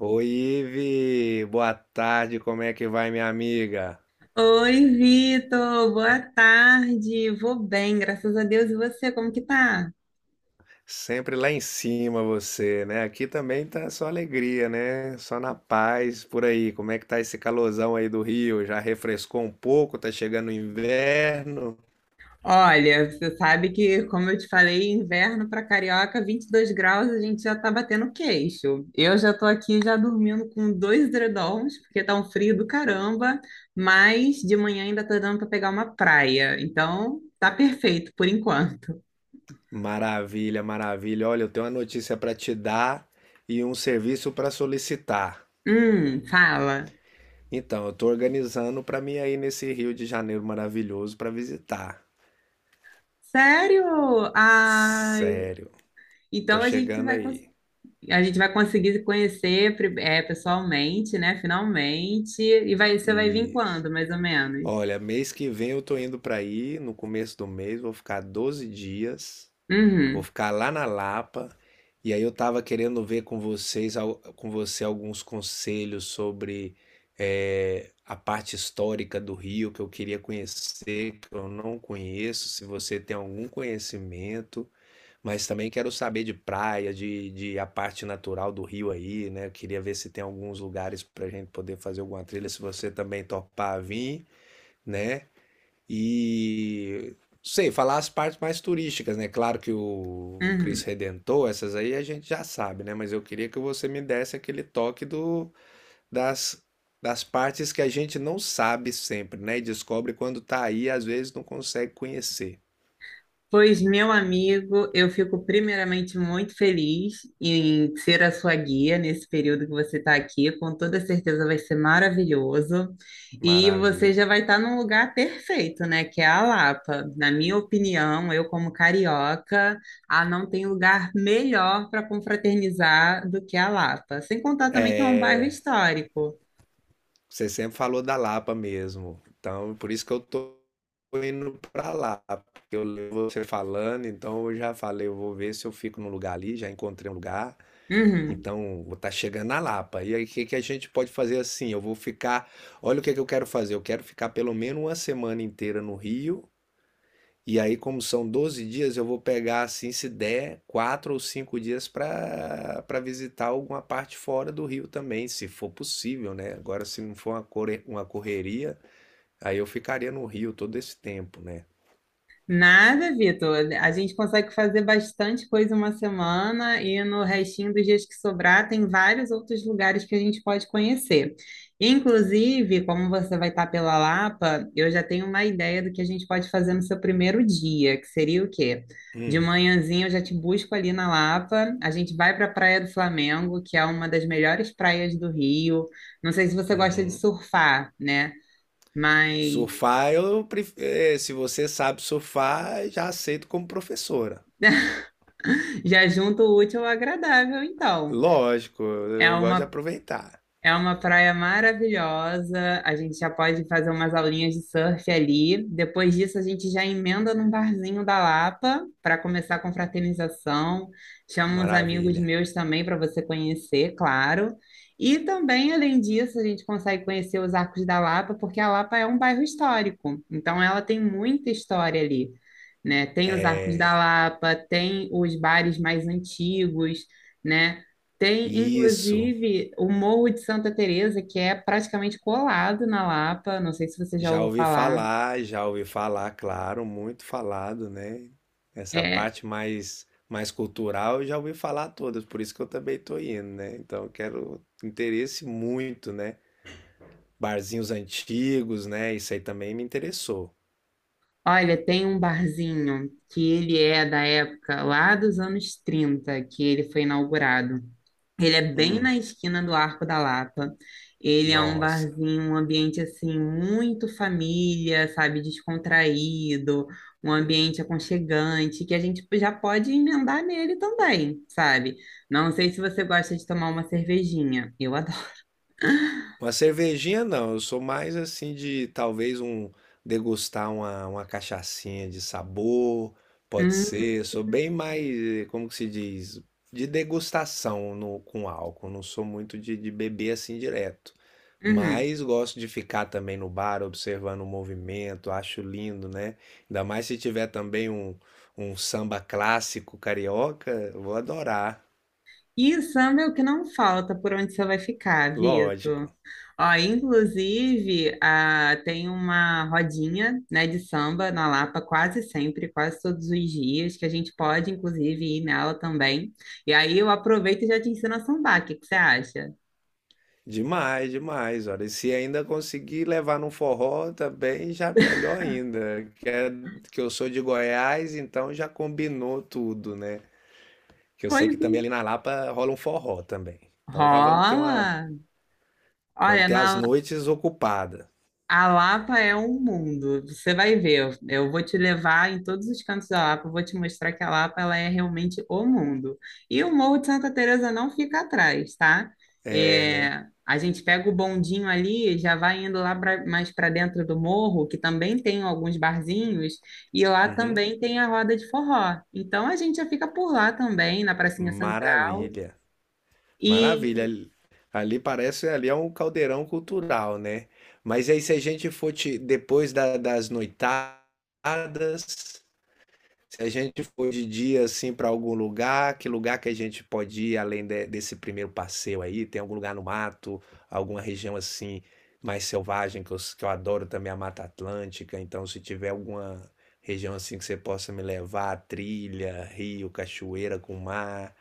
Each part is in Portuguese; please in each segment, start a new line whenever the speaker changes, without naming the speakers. Oi, Ive! Boa tarde, como é que vai, minha amiga?
Oi, Vitor, boa tarde. Vou bem, graças a Deus. E você, como que tá?
Sempre lá em cima você, né? Aqui também tá só alegria, né? Só na paz por aí. Como é que tá esse calorzão aí do Rio? Já refrescou um pouco? Tá chegando o inverno?
Olha, você sabe que, como eu te falei, inverno para carioca, 22 graus, a gente já tá batendo queixo. Eu já tô aqui já dormindo com dois edredons, porque tá um frio do caramba, mas de manhã ainda tá dando para pegar uma praia. Então, tá perfeito por enquanto.
Maravilha, maravilha. Olha, eu tenho uma notícia para te dar e um serviço para solicitar.
Fala.
Então, eu tô organizando para mim aí nesse Rio de Janeiro maravilhoso para visitar.
Sério? Ai,
Sério, tô
então a gente
chegando
vai
aí.
conseguir se conhecer pessoalmente, né? Finalmente. E vai, você vai vir
E
quando, mais ou menos?
Olha, mês que vem eu tô indo pra aí, no começo do mês, vou ficar 12 dias, vou
Uhum,
ficar lá na Lapa, e aí eu tava querendo ver com você alguns conselhos sobre a parte histórica do Rio que eu queria conhecer, que eu não conheço, se você tem algum conhecimento, mas também quero saber de praia, de a parte natural do Rio aí, né? Eu queria ver se tem alguns lugares pra gente poder fazer alguma trilha, se você também topar vir, né? E sei, falar as partes mais turísticas, né? Claro que o
uhum.
Cristo Redentor, essas aí a gente já sabe, né? Mas eu queria que você me desse aquele toque das, das partes que a gente não sabe sempre, né? E descobre quando tá aí, e às vezes não consegue conhecer.
Pois, meu amigo, eu fico primeiramente muito feliz em ser a sua guia nesse período que você está aqui. Com toda certeza vai ser maravilhoso. E você já
Maravilha.
vai estar num lugar perfeito, né? Que é a Lapa. Na minha opinião, eu como carioca, ah, não tem lugar melhor para confraternizar do que a Lapa. Sem contar também que é um bairro
É,
histórico.
você sempre falou da Lapa mesmo. Então, por isso que eu tô indo pra lá. Porque eu levo você falando, então eu já falei, eu vou ver se eu fico num lugar ali, já encontrei um lugar.
Uhum.
Então, vou estar chegando na Lapa. E aí, o que que a gente pode fazer assim? Eu vou ficar. Olha o que que eu quero fazer. Eu quero ficar pelo menos uma semana inteira no Rio. E aí, como são 12 dias, eu vou pegar, assim, se der, 4 ou 5 dias para para visitar alguma parte fora do Rio também, se for possível, né? Agora, se não for uma correria, aí eu ficaria no Rio todo esse tempo, né?
Nada, Vitor. A gente consegue fazer bastante coisa uma semana e no restinho dos dias que sobrar tem vários outros lugares que a gente pode conhecer. Inclusive, como você vai estar pela Lapa, eu já tenho uma ideia do que a gente pode fazer no seu primeiro dia, que seria o quê? De
Hum,
manhãzinha eu já te busco ali na Lapa, a gente vai para a Praia do Flamengo, que é uma das melhores praias do Rio. Não sei se você gosta de
uhum.
surfar, né? Mas
Surfar, eu se você sabe surfar, já aceito como professora.
já junto o útil ao agradável, então.
Lógico,
É
eu gosto de
uma,
aproveitar.
é uma praia maravilhosa. A gente já pode fazer umas aulinhas de surf ali. Depois disso, a gente já emenda num barzinho da Lapa para começar com fraternização. Chama uns amigos
Maravilha.
meus também para você conhecer, claro. E também, além disso, a gente consegue conhecer os Arcos da Lapa, porque a Lapa é um bairro histórico. Então, ela tem muita história ali, né? Tem os Arcos da Lapa, tem os bares mais antigos, né? Tem,
Isso.
inclusive, o Morro de Santa Teresa, que é praticamente colado na Lapa. Não sei se você já ouviu falar.
Já ouvi falar, claro, muito falado, né? Essa
É,
parte mais cultural, eu já ouvi falar todas, por isso que eu também tô indo, né? Então, eu quero interesse muito, né? Barzinhos antigos, né? Isso aí também me interessou.
olha, tem um barzinho que ele é da época lá dos anos 30 que ele foi inaugurado. Ele é bem
Hum,
na esquina do Arco da Lapa. Ele é um
nossa.
barzinho, um ambiente assim muito família, sabe, descontraído, um ambiente aconchegante que a gente já pode emendar nele também, sabe? Não sei se você gosta de tomar uma cervejinha. Eu adoro.
Uma cervejinha não, eu sou mais assim de talvez um degustar uma cachaçinha de sabor, pode
Hum,
ser, sou bem mais, como que se diz, de degustação no, com álcool, não sou muito de beber assim direto,
uhum.
mas gosto de ficar também no bar observando o movimento, acho lindo, né? Ainda mais se tiver também um, samba clássico carioca, vou adorar,
E samba é o que não falta por onde você vai ficar, Vitor.
lógico.
Ó, inclusive, ah, tem uma rodinha, né, de samba na Lapa quase sempre, quase todos os dias, que a gente pode, inclusive, ir nela também. E aí eu aproveito e já te ensino a sambar. O que que você acha?
Demais, demais. Olha, e se ainda conseguir levar num forró também, já melhor ainda. Que eu sou de Goiás, então já combinou tudo, né? Que eu
Pois
sei que também
bem.
ali na Lapa rola um forró também. Então já vamos ter uma,
Rola!
vamos
Olha,
ter as
na
noites ocupadas.
A Lapa é um mundo, você vai ver. Eu vou te levar em todos os cantos da Lapa, eu vou te mostrar que a Lapa ela é realmente o mundo. E o Morro de Santa Teresa não fica atrás, tá? É, a gente pega o bondinho ali, já vai indo mais para dentro do morro, que também tem alguns barzinhos, e lá
Uhum.
também tem a roda de forró. Então a gente já fica por lá também, na Pracinha Central,
Maravilha, maravilha.
e
Ali parece, ali é um caldeirão cultural, né? Mas aí se a gente for te- depois da- das noitadas, se a gente for de dia assim para algum lugar que a gente pode ir desse primeiro passeio aí? Tem algum lugar no mato, alguma região assim mais selvagem que que eu adoro também a Mata Atlântica. Então, se tiver alguma região assim que você possa me levar, trilha, rio, cachoeira com mar,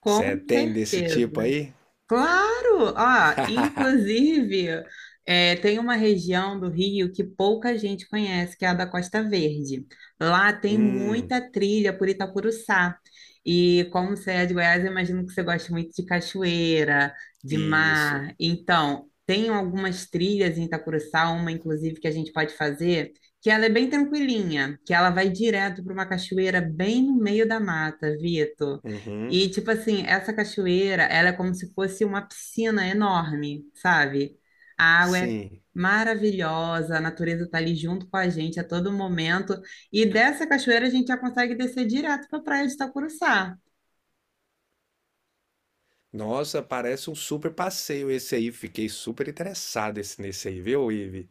com
você tem desse tipo
certeza.
aí?
Claro! Ah, inclusive, é, tem uma região do Rio que pouca gente conhece, que é a da Costa Verde. Lá tem
Hum,
muita trilha por Itacuruçá. E como você é de Goiás, eu imagino que você gosta muito de cachoeira, de
isso.
mar. Então, tem algumas trilhas em Itacuruçá, uma inclusive que a gente pode fazer, que ela é bem tranquilinha, que ela vai direto para uma cachoeira bem no meio da mata, Vitor.
Uhum,
E, tipo assim, essa cachoeira, ela é como se fosse uma piscina enorme, sabe? A água é
sim.
maravilhosa, a natureza tá ali junto com a gente a todo momento. E dessa cachoeira a gente já consegue descer direto para a praia de Itacuruçá.
Nossa, parece um super passeio esse aí. Fiquei super interessado nesse aí, viu, Ive?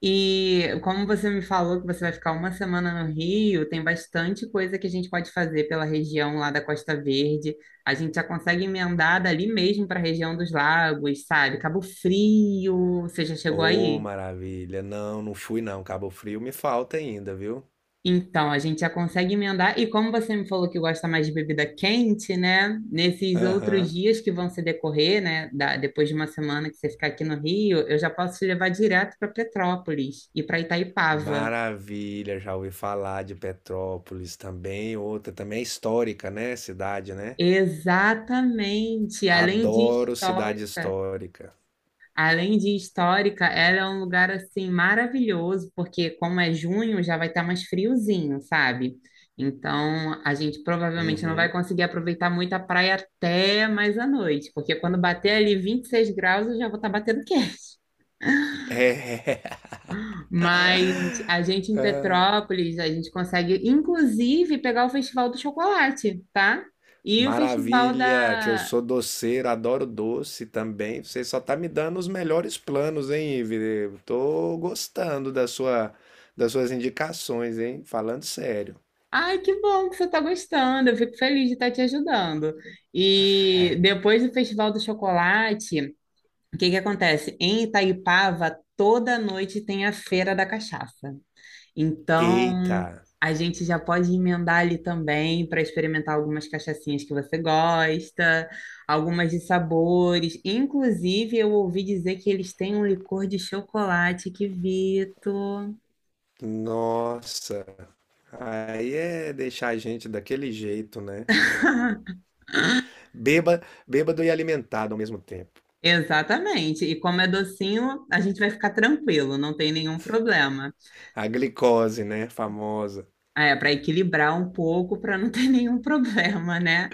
E como você me falou que você vai ficar uma semana no Rio, tem bastante coisa que a gente pode fazer pela região lá da Costa Verde. A gente já consegue emendar dali mesmo para a região dos lagos, sabe? Cabo Frio, você já chegou
Ô,
aí?
maravilha. Não, não fui não. Cabo Frio me falta ainda, viu?
Então, a gente já consegue emendar. E como você me falou que gosta mais de bebida quente, né? Nesses outros
Aham.
dias que vão se decorrer, né? Depois de uma semana que você ficar aqui no Rio, eu já posso te levar direto para Petrópolis e para Itaipava.
Maravilha, já ouvi falar de Petrópolis também, outra também é histórica, né? Cidade, né?
Exatamente. Além de
Adoro cidade
histórica.
histórica.
Além de histórica, ela é um lugar assim maravilhoso, porque como é junho, já vai estar mais friozinho, sabe? Então, a gente provavelmente não vai
Uhum.
conseguir aproveitar muito a praia até mais à noite, porque quando bater ali 26 graus, eu já vou estar batendo queixo.
É,
Mas a gente em Petrópolis, a gente consegue inclusive pegar o Festival do Chocolate, tá? E o Festival
maravilha, que eu
da,
sou doceiro, adoro doce também. Você só tá me dando os melhores planos, hein, Ivi? Tô gostando das suas indicações, hein? Falando sério.
Ai, que bom que você está gostando. Eu fico feliz de estar te ajudando. E depois do Festival do Chocolate, o que que acontece? Em Itaipava, toda noite tem a Feira da Cachaça.
Eita.
Então, a gente já pode emendar ali também para experimentar algumas cachaçinhas que você gosta, algumas de sabores. Inclusive, eu ouvi dizer que eles têm um licor de chocolate, que Vito.
Nossa, aí é deixar a gente daquele jeito, né? Bêba, Bêbado e alimentado ao mesmo tempo.
Exatamente. E como é docinho, a gente vai ficar tranquilo, não tem nenhum problema.
A glicose, né? Famosa.
Ah, é para equilibrar um pouco, para não ter nenhum problema, né?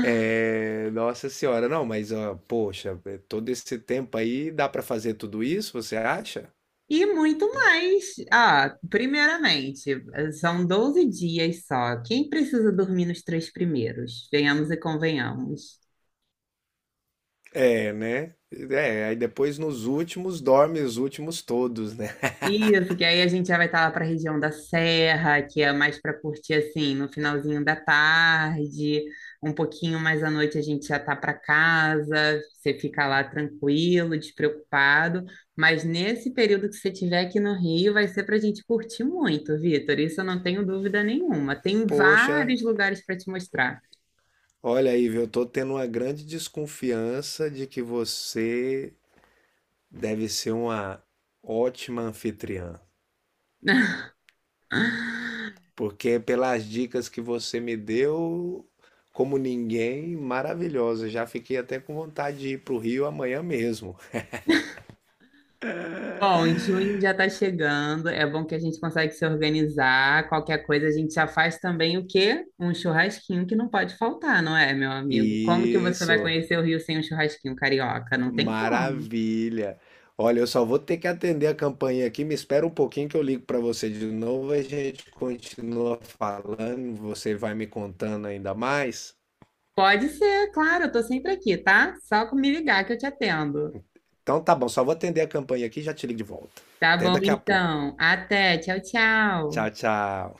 É, nossa senhora, não, mas ó, poxa, é, todo esse tempo aí dá pra fazer tudo isso, você acha?
E muito mais. Ah, primeiramente, são 12 dias só. Quem precisa dormir nos três primeiros? Venhamos e convenhamos.
É, né? É, aí depois nos últimos dorme os últimos todos, né?
Isso, que aí a gente já vai estar lá para a região da Serra, que é mais para curtir assim, no finalzinho da tarde, um pouquinho mais à noite a gente já tá para casa, você fica lá tranquilo, despreocupado, mas nesse período que você tiver aqui no Rio vai ser para a gente curtir muito, Vitor, isso eu não tenho dúvida nenhuma. Tem
Poxa,
vários lugares para te mostrar.
olha aí, viu? Eu tô tendo uma grande desconfiança de que você deve ser uma ótima anfitriã. Porque pelas dicas que você me deu, como ninguém, maravilhosa. Já fiquei até com vontade de ir para o Rio amanhã mesmo.
Bom, junho já está chegando. É bom que a gente consegue se organizar. Qualquer coisa a gente já faz também o quê? Um churrasquinho que não pode faltar, não é, meu amigo? Como que você vai
Isso,
conhecer o Rio sem um churrasquinho carioca? Não tem como.
maravilha. Olha, eu só vou ter que atender a campainha aqui. Me espera um pouquinho que eu ligo para você de novo. A gente continua falando. Você vai me contando ainda mais.
Pode ser, claro, eu tô sempre aqui, tá? Só me ligar que eu te atendo.
Então tá bom, só vou atender a campainha aqui e já te ligo de volta.
Tá
Até
bom,
daqui a pouco.
então. Até. Tchau, tchau.
Tchau, tchau.